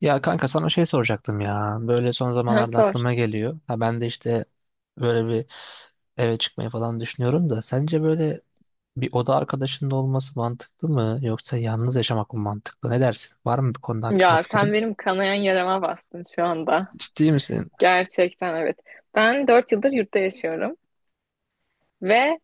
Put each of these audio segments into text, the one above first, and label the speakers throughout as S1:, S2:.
S1: Ya kanka sana şey soracaktım ya. Böyle son
S2: Ha,
S1: zamanlarda
S2: Sor.
S1: aklıma geliyor. Ha ben de işte böyle bir eve çıkmayı falan düşünüyorum da sence böyle bir oda arkadaşının olması mantıklı mı yoksa yalnız yaşamak mı mantıklı? Ne dersin? Var mı bir konuda hakkında
S2: Ya sen
S1: fikrin?
S2: benim kanayan yarama bastın şu anda.
S1: Ciddi misin?
S2: Gerçekten evet. Ben 4 yıldır yurtta yaşıyorum ve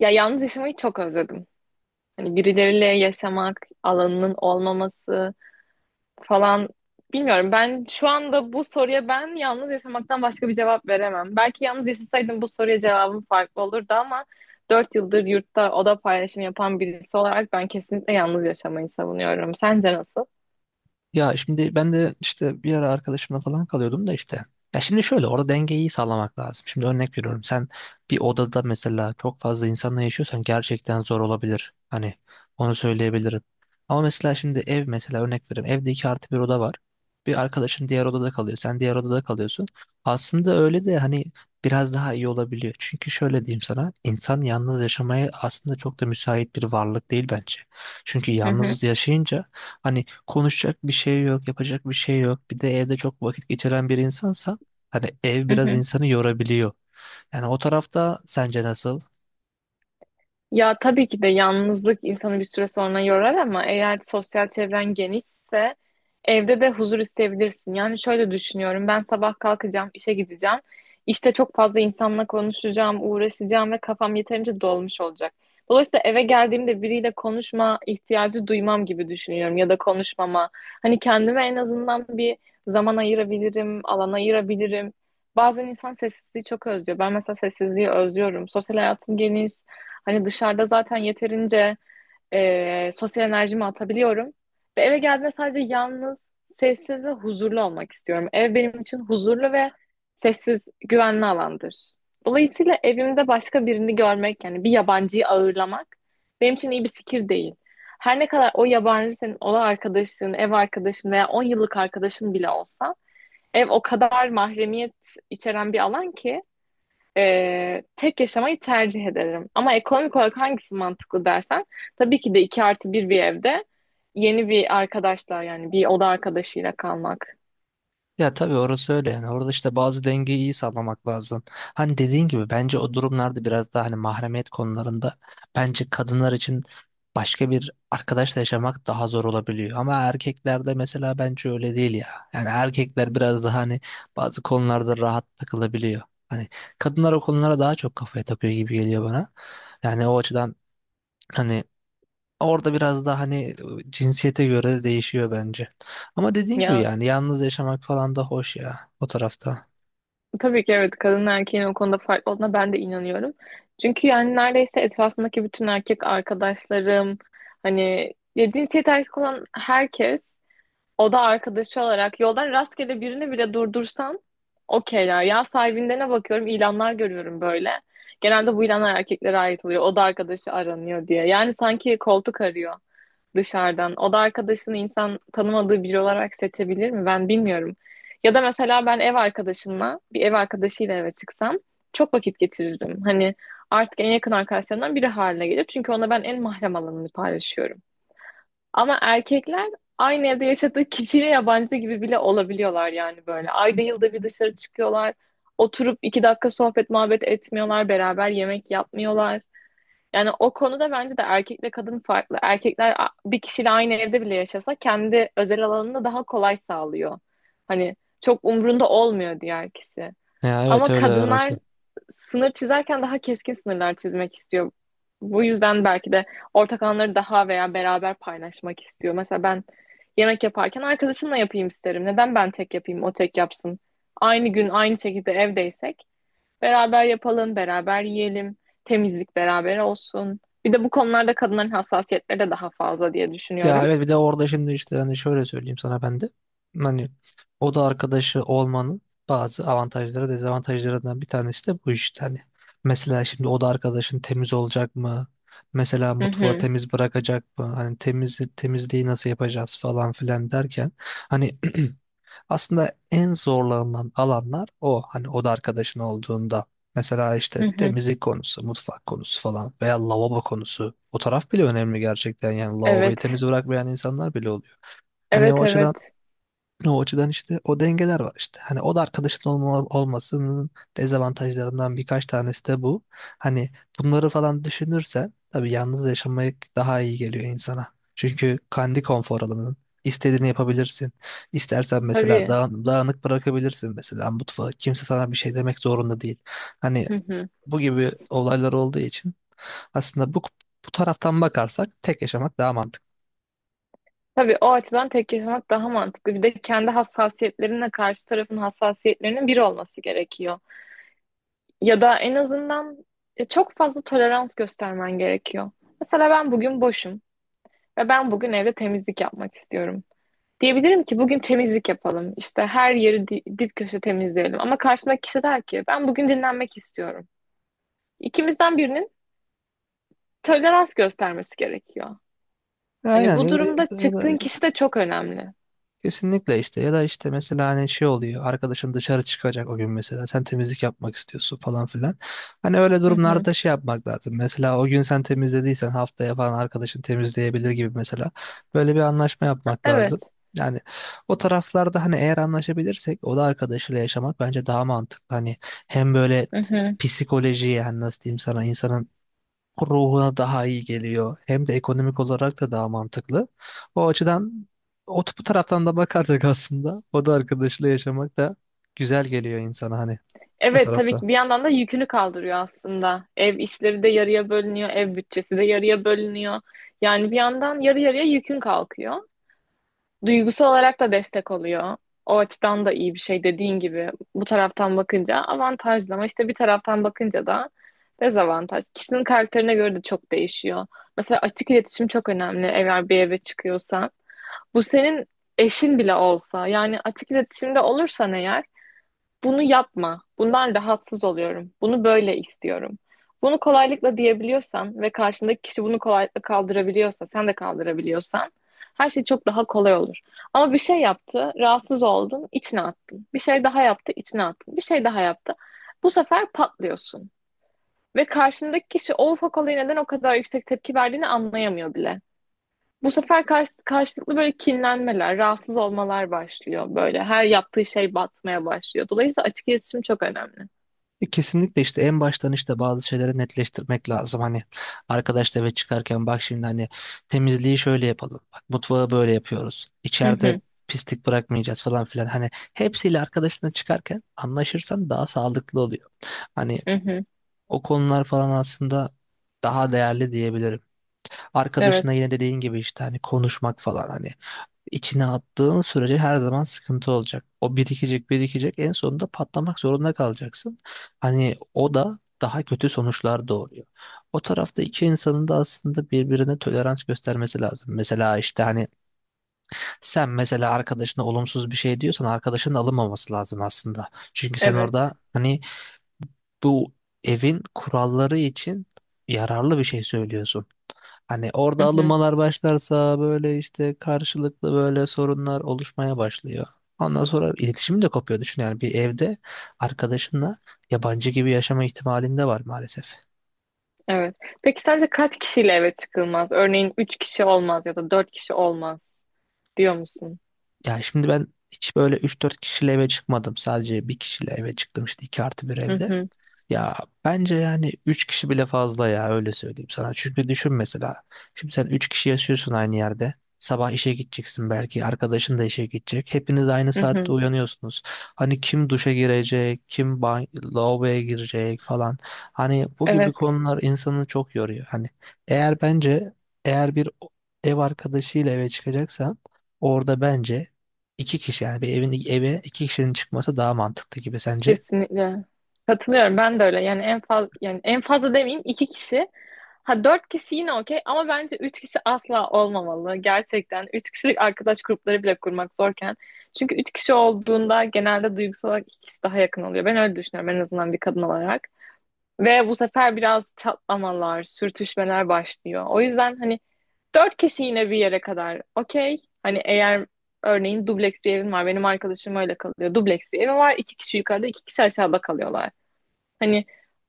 S2: ya yalnız yaşamayı çok özledim. Hani birileriyle yaşamak, alanının olmaması falan bilmiyorum. Ben şu anda bu soruya ben yalnız yaşamaktan başka bir cevap veremem. Belki yalnız yaşasaydım bu soruya cevabım farklı olurdu ama 4 yıldır yurtta oda paylaşımı yapan birisi olarak ben kesinlikle yalnız yaşamayı savunuyorum. Sence nasıl?
S1: Ya şimdi ben de işte bir ara arkadaşımla falan kalıyordum da işte. Ya şimdi şöyle orada dengeyi sağlamak lazım. Şimdi örnek veriyorum, sen bir odada mesela çok fazla insanla yaşıyorsan gerçekten zor olabilir. Hani onu söyleyebilirim. Ama mesela şimdi ev, mesela örnek veriyorum, evde 2+1 oda var. Bir arkadaşın diğer odada kalıyor, sen diğer odada kalıyorsun. Aslında öyle de hani biraz daha iyi olabiliyor. Çünkü şöyle diyeyim sana, insan yalnız yaşamaya aslında çok da müsait bir varlık değil bence. Çünkü
S2: Hı hı,
S1: yalnız yaşayınca, hani, konuşacak bir şey yok, yapacak bir şey yok. Bir de evde çok vakit geçiren bir insansan hani ev
S2: hı
S1: biraz
S2: hı.
S1: insanı yorabiliyor. Yani o tarafta sence nasıl?
S2: Ya tabii ki de yalnızlık insanı bir süre sonra yorar ama eğer sosyal çevren genişse evde de huzur isteyebilirsin. Yani şöyle düşünüyorum. Ben sabah kalkacağım, işe gideceğim. İşte çok fazla insanla konuşacağım, uğraşacağım ve kafam yeterince dolmuş olacak. Dolayısıyla eve geldiğimde biriyle konuşma ihtiyacı duymam gibi düşünüyorum ya da konuşmama. Hani kendime en azından bir zaman ayırabilirim, alan ayırabilirim. Bazen insan sessizliği çok özlüyor. Ben mesela sessizliği özlüyorum. Sosyal hayatım geniş. Hani dışarıda zaten yeterince sosyal enerjimi atabiliyorum. Ve eve geldiğimde sadece yalnız, sessiz ve huzurlu olmak istiyorum. Ev benim için huzurlu ve sessiz, güvenli alandır. Dolayısıyla evimde başka birini görmek, yani bir yabancıyı ağırlamak benim için iyi bir fikir değil. Her ne kadar o yabancı senin ola arkadaşın, ev arkadaşın veya 10 yıllık arkadaşın bile olsa Ev o kadar mahremiyet içeren bir alan ki tek yaşamayı tercih ederim. Ama ekonomik olarak hangisi mantıklı dersen tabii ki de 2+1 bir evde yeni bir arkadaşla yani bir oda arkadaşıyla kalmak.
S1: Ya tabii orası öyle, yani orada işte bazı dengeyi iyi sağlamak lazım. Hani dediğin gibi bence o durumlarda biraz daha hani mahremiyet konularında, bence kadınlar için başka bir arkadaşla yaşamak daha zor olabiliyor. Ama erkeklerde mesela bence öyle değil ya. Yani erkekler biraz daha hani bazı konularda rahat takılabiliyor. Hani kadınlar o konulara daha çok kafaya takıyor gibi geliyor bana. Yani o açıdan hani orada biraz daha hani cinsiyete göre de değişiyor bence. Ama dediğin gibi
S2: Ya
S1: yani yalnız yaşamak falan da hoş ya o tarafta.
S2: tabii ki evet kadın erkeğin o konuda farklı olduğuna ben de inanıyorum. Çünkü yani neredeyse etrafımdaki bütün erkek arkadaşlarım hani ya cinsiyet erkek olan herkes O da arkadaşı olarak yoldan rastgele birini bile durdursan okeyler. Ya sahibinde bakıyorum ilanlar görüyorum böyle. Genelde bu ilanlar erkeklere ait oluyor. O da arkadaşı aranıyor diye. Yani sanki koltuk arıyor dışarıdan. O da arkadaşını insan tanımadığı biri olarak seçebilir mi? Ben bilmiyorum. Ya da mesela ben ev arkadaşımla bir ev arkadaşıyla eve çıksam çok vakit geçirirdim. Hani artık en yakın arkadaşlarımdan biri haline gelir. Çünkü ona ben en mahrem alanını paylaşıyorum. Ama erkekler aynı evde yaşadığı kişiyle yabancı gibi bile olabiliyorlar yani böyle. Ayda yılda bir dışarı çıkıyorlar. Oturup 2 dakika sohbet muhabbet etmiyorlar. Beraber yemek yapmıyorlar. Yani o konuda bence de erkekle kadın farklı. Erkekler bir kişiyle aynı evde bile yaşasa kendi özel alanını daha kolay sağlıyor. Hani çok umrunda olmuyor diğer kişi.
S1: Ya evet,
S2: Ama
S1: öyle
S2: kadınlar
S1: orası.
S2: sınır çizerken daha keskin sınırlar çizmek istiyor. Bu yüzden belki de ortak anları daha veya beraber paylaşmak istiyor. Mesela ben yemek yaparken arkadaşımla yapayım isterim. Neden ben tek yapayım, o tek yapsın? Aynı gün aynı şekilde evdeysek beraber yapalım, beraber yiyelim, temizlik beraber olsun. Bir de bu konularda kadınların hassasiyetleri de daha fazla diye
S1: Ya
S2: düşünüyorum.
S1: evet, bir de orada şimdi işte hani şöyle söyleyeyim sana ben de. Hani oda arkadaşı olmanın bazı avantajları, dezavantajlarından bir tanesi de bu işte hani. Mesela şimdi oda arkadaşın temiz olacak mı? Mesela
S2: Hı
S1: mutfağı
S2: hı,
S1: temiz bırakacak mı? Hani temiz temizliği nasıl yapacağız falan filan derken hani aslında en zorlanılan alanlar o. Hani oda arkadaşın olduğunda. Mesela işte
S2: hı hı.
S1: temizlik konusu, mutfak konusu falan veya lavabo konusu. O taraf bile önemli gerçekten. Yani lavaboyu
S2: Evet,
S1: temiz bırakmayan insanlar bile oluyor. Hani o
S2: evet,
S1: açıdan
S2: evet.
S1: o açıdan işte o dengeler var işte. Hani o da arkadaşın olmasının dezavantajlarından birkaç tanesi de bu. Hani bunları falan düşünürsen tabii yalnız yaşamak daha iyi geliyor insana. Çünkü kendi konfor alanının istediğini yapabilirsin. İstersen mesela
S2: Tabii.
S1: dağınık bırakabilirsin mesela mutfağı. Kimse sana bir şey demek zorunda değil. Hani
S2: Hı hı.
S1: bu gibi olaylar olduğu için aslında bu taraftan bakarsak tek yaşamak daha mantıklı.
S2: Tabii o açıdan tek yaşamak daha mantıklı. Bir de kendi hassasiyetlerinle karşı tarafın hassasiyetlerinin bir olması gerekiyor. Ya da en azından çok fazla tolerans göstermen gerekiyor. Mesela ben bugün boşum ve ben bugün evde temizlik yapmak istiyorum. Diyebilirim ki bugün temizlik yapalım. İşte her yeri dip köşe temizleyelim. Ama karşımdaki kişi der ki ben bugün dinlenmek istiyorum. İkimizden birinin tolerans göstermesi gerekiyor. Hani
S1: Aynen,
S2: bu
S1: ya da,
S2: durumda
S1: ya da
S2: çıktığın kişi de çok önemli.
S1: kesinlikle işte, ya da işte mesela hani şey oluyor, arkadaşın dışarı çıkacak o gün, mesela sen temizlik yapmak istiyorsun falan filan. Hani öyle
S2: Hı hı.
S1: durumlarda şey yapmak lazım, mesela o gün sen temizlediysen haftaya falan arkadaşın temizleyebilir gibi mesela, böyle bir anlaşma
S2: Ha,
S1: yapmak lazım.
S2: Evet.
S1: Yani o taraflarda hani eğer anlaşabilirsek o da arkadaşıyla yaşamak bence daha mantıklı. Hani hem böyle
S2: Hı hı.
S1: psikolojiye, hani nasıl diyeyim sana, insanın ruhuna daha iyi geliyor. Hem de ekonomik olarak da daha mantıklı. O açıdan, o bu taraftan da bakarsak aslında o da arkadaşıyla yaşamak da güzel geliyor insana hani o
S2: Evet tabii
S1: tarafta.
S2: ki bir yandan da yükünü kaldırıyor aslında. Ev işleri de yarıya bölünüyor, ev bütçesi de yarıya bölünüyor. Yani bir yandan yarı yarıya yükün kalkıyor. Duygusal olarak da destek oluyor. O açıdan da iyi bir şey dediğin gibi. Bu taraftan bakınca avantajlı ama işte bir taraftan bakınca da dezavantaj. Kişinin karakterine göre de çok değişiyor. Mesela açık iletişim çok önemli eğer bir eve çıkıyorsan. Bu senin eşin bile olsa yani açık iletişimde olursan eğer bunu yapma. Bundan rahatsız oluyorum. Bunu böyle istiyorum. Bunu kolaylıkla diyebiliyorsan ve karşındaki kişi bunu kolaylıkla kaldırabiliyorsa, sen de kaldırabiliyorsan her şey çok daha kolay olur. Ama bir şey yaptı, rahatsız oldun, içine attın. Bir şey daha yaptı, içine attın. Bir şey daha yaptı. Bu sefer patlıyorsun. Ve karşındaki kişi o ufak olaya neden o kadar yüksek tepki verdiğini anlayamıyor bile. Bu sefer karşılıklı böyle kinlenmeler, rahatsız olmalar başlıyor. Böyle her yaptığı şey batmaya başlıyor. Dolayısıyla açık iletişim çok önemli.
S1: Kesinlikle işte en baştan işte bazı şeyleri netleştirmek lazım. Hani arkadaşla eve çıkarken bak, şimdi hani temizliği şöyle yapalım, bak mutfağı böyle yapıyoruz,
S2: Hı
S1: içeride
S2: hı,
S1: pislik bırakmayacağız falan filan, hani hepsiyle arkadaşına çıkarken anlaşırsan daha sağlıklı oluyor. Hani
S2: hı hı.
S1: o konular falan aslında daha değerli diyebilirim. Arkadaşına
S2: Evet,
S1: yine dediğin gibi işte hani konuşmak falan, hani içine attığın sürece her zaman sıkıntı olacak. O birikecek birikecek, en sonunda patlamak zorunda kalacaksın. Hani o da daha kötü sonuçlar doğuruyor. O tarafta iki insanın da aslında birbirine tolerans göstermesi lazım. Mesela işte hani sen mesela arkadaşına olumsuz bir şey diyorsan, arkadaşının alınmaması lazım aslında. Çünkü sen
S2: evet,
S1: orada hani bu evin kuralları için yararlı bir şey söylüyorsun. Hani
S2: hı
S1: orada
S2: hı,
S1: alınmalar başlarsa böyle işte karşılıklı böyle sorunlar oluşmaya başlıyor. Ondan sonra iletişim de kopuyor. Düşün, yani bir evde arkadaşınla yabancı gibi yaşama ihtimalinde var maalesef.
S2: evet. Peki sence kaç kişiyle eve çıkılmaz? Örneğin 3 kişi olmaz ya da 4 kişi olmaz diyor musun?
S1: Ya şimdi ben hiç böyle üç dört kişiyle eve çıkmadım. Sadece bir kişiyle eve çıktım işte 2+1
S2: Hı
S1: evde.
S2: hı,
S1: Ya bence yani 3 kişi bile fazla ya, öyle söyleyeyim sana. Çünkü düşün mesela. Şimdi sen 3 kişi yaşıyorsun aynı yerde. Sabah işe gideceksin belki. Arkadaşın da işe gidecek. Hepiniz aynı
S2: hı
S1: saatte
S2: hı.
S1: uyanıyorsunuz. Hani kim duşa girecek, kim lavaboya girecek falan. Hani bu gibi
S2: Evet,
S1: konular insanı çok yoruyor. Hani eğer bence eğer ev arkadaşıyla eve çıkacaksan orada bence iki kişi, yani bir evin eve iki kişinin çıkması daha mantıklı gibi, sence?
S2: kesinlikle. Katılıyorum ben de öyle. Yani en fazla yani en fazla demeyeyim iki kişi Ha dört kişi yine okey ama bence üç kişi asla olmamalı. Gerçekten üç kişilik arkadaş grupları bile kurmak zorken. Çünkü üç kişi olduğunda genelde duygusal olarak iki kişi daha yakın oluyor. Ben öyle düşünüyorum en azından bir kadın olarak. Ve bu sefer biraz çatlamalar, sürtüşmeler başlıyor. O yüzden hani dört kişi yine bir yere kadar okey. Hani eğer örneğin dubleks bir evim var. Benim arkadaşım öyle kalıyor. Dubleks bir evim var. İki kişi yukarıda, iki kişi aşağıda kalıyorlar. Hani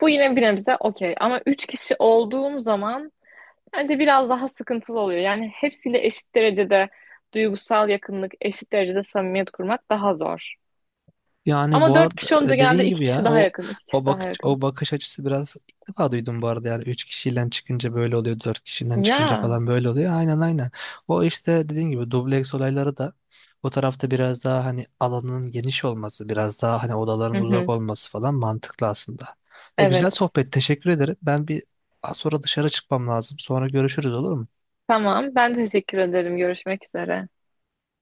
S2: bu yine bir nebze okey. Ama üç kişi olduğum zaman Bence biraz daha sıkıntılı oluyor. Yani hepsiyle eşit derecede duygusal yakınlık, eşit derecede samimiyet kurmak daha zor.
S1: Yani bu
S2: Ama dört kişi olunca
S1: arada
S2: genelde
S1: dediğin
S2: iki
S1: gibi
S2: kişi
S1: ya
S2: daha
S1: o
S2: yakın, iki
S1: o
S2: kişi daha
S1: bakış
S2: yakın.
S1: o bakış açısı, biraz ilk defa duydum bu arada, yani 3 kişiden çıkınca böyle oluyor, 4 kişiden çıkınca
S2: Ya.
S1: falan böyle oluyor, aynen aynen. O işte dediğin gibi dubleks olayları da, o tarafta biraz daha hani alanın geniş olması, biraz daha hani
S2: Hı
S1: odaların uzak
S2: hı.
S1: olması falan mantıklı aslında, ve güzel
S2: Evet.
S1: sohbet, teşekkür ederim. Ben bir az sonra dışarı çıkmam lazım, sonra görüşürüz, olur mu?
S2: Tamam. Ben teşekkür ederim. Görüşmek üzere.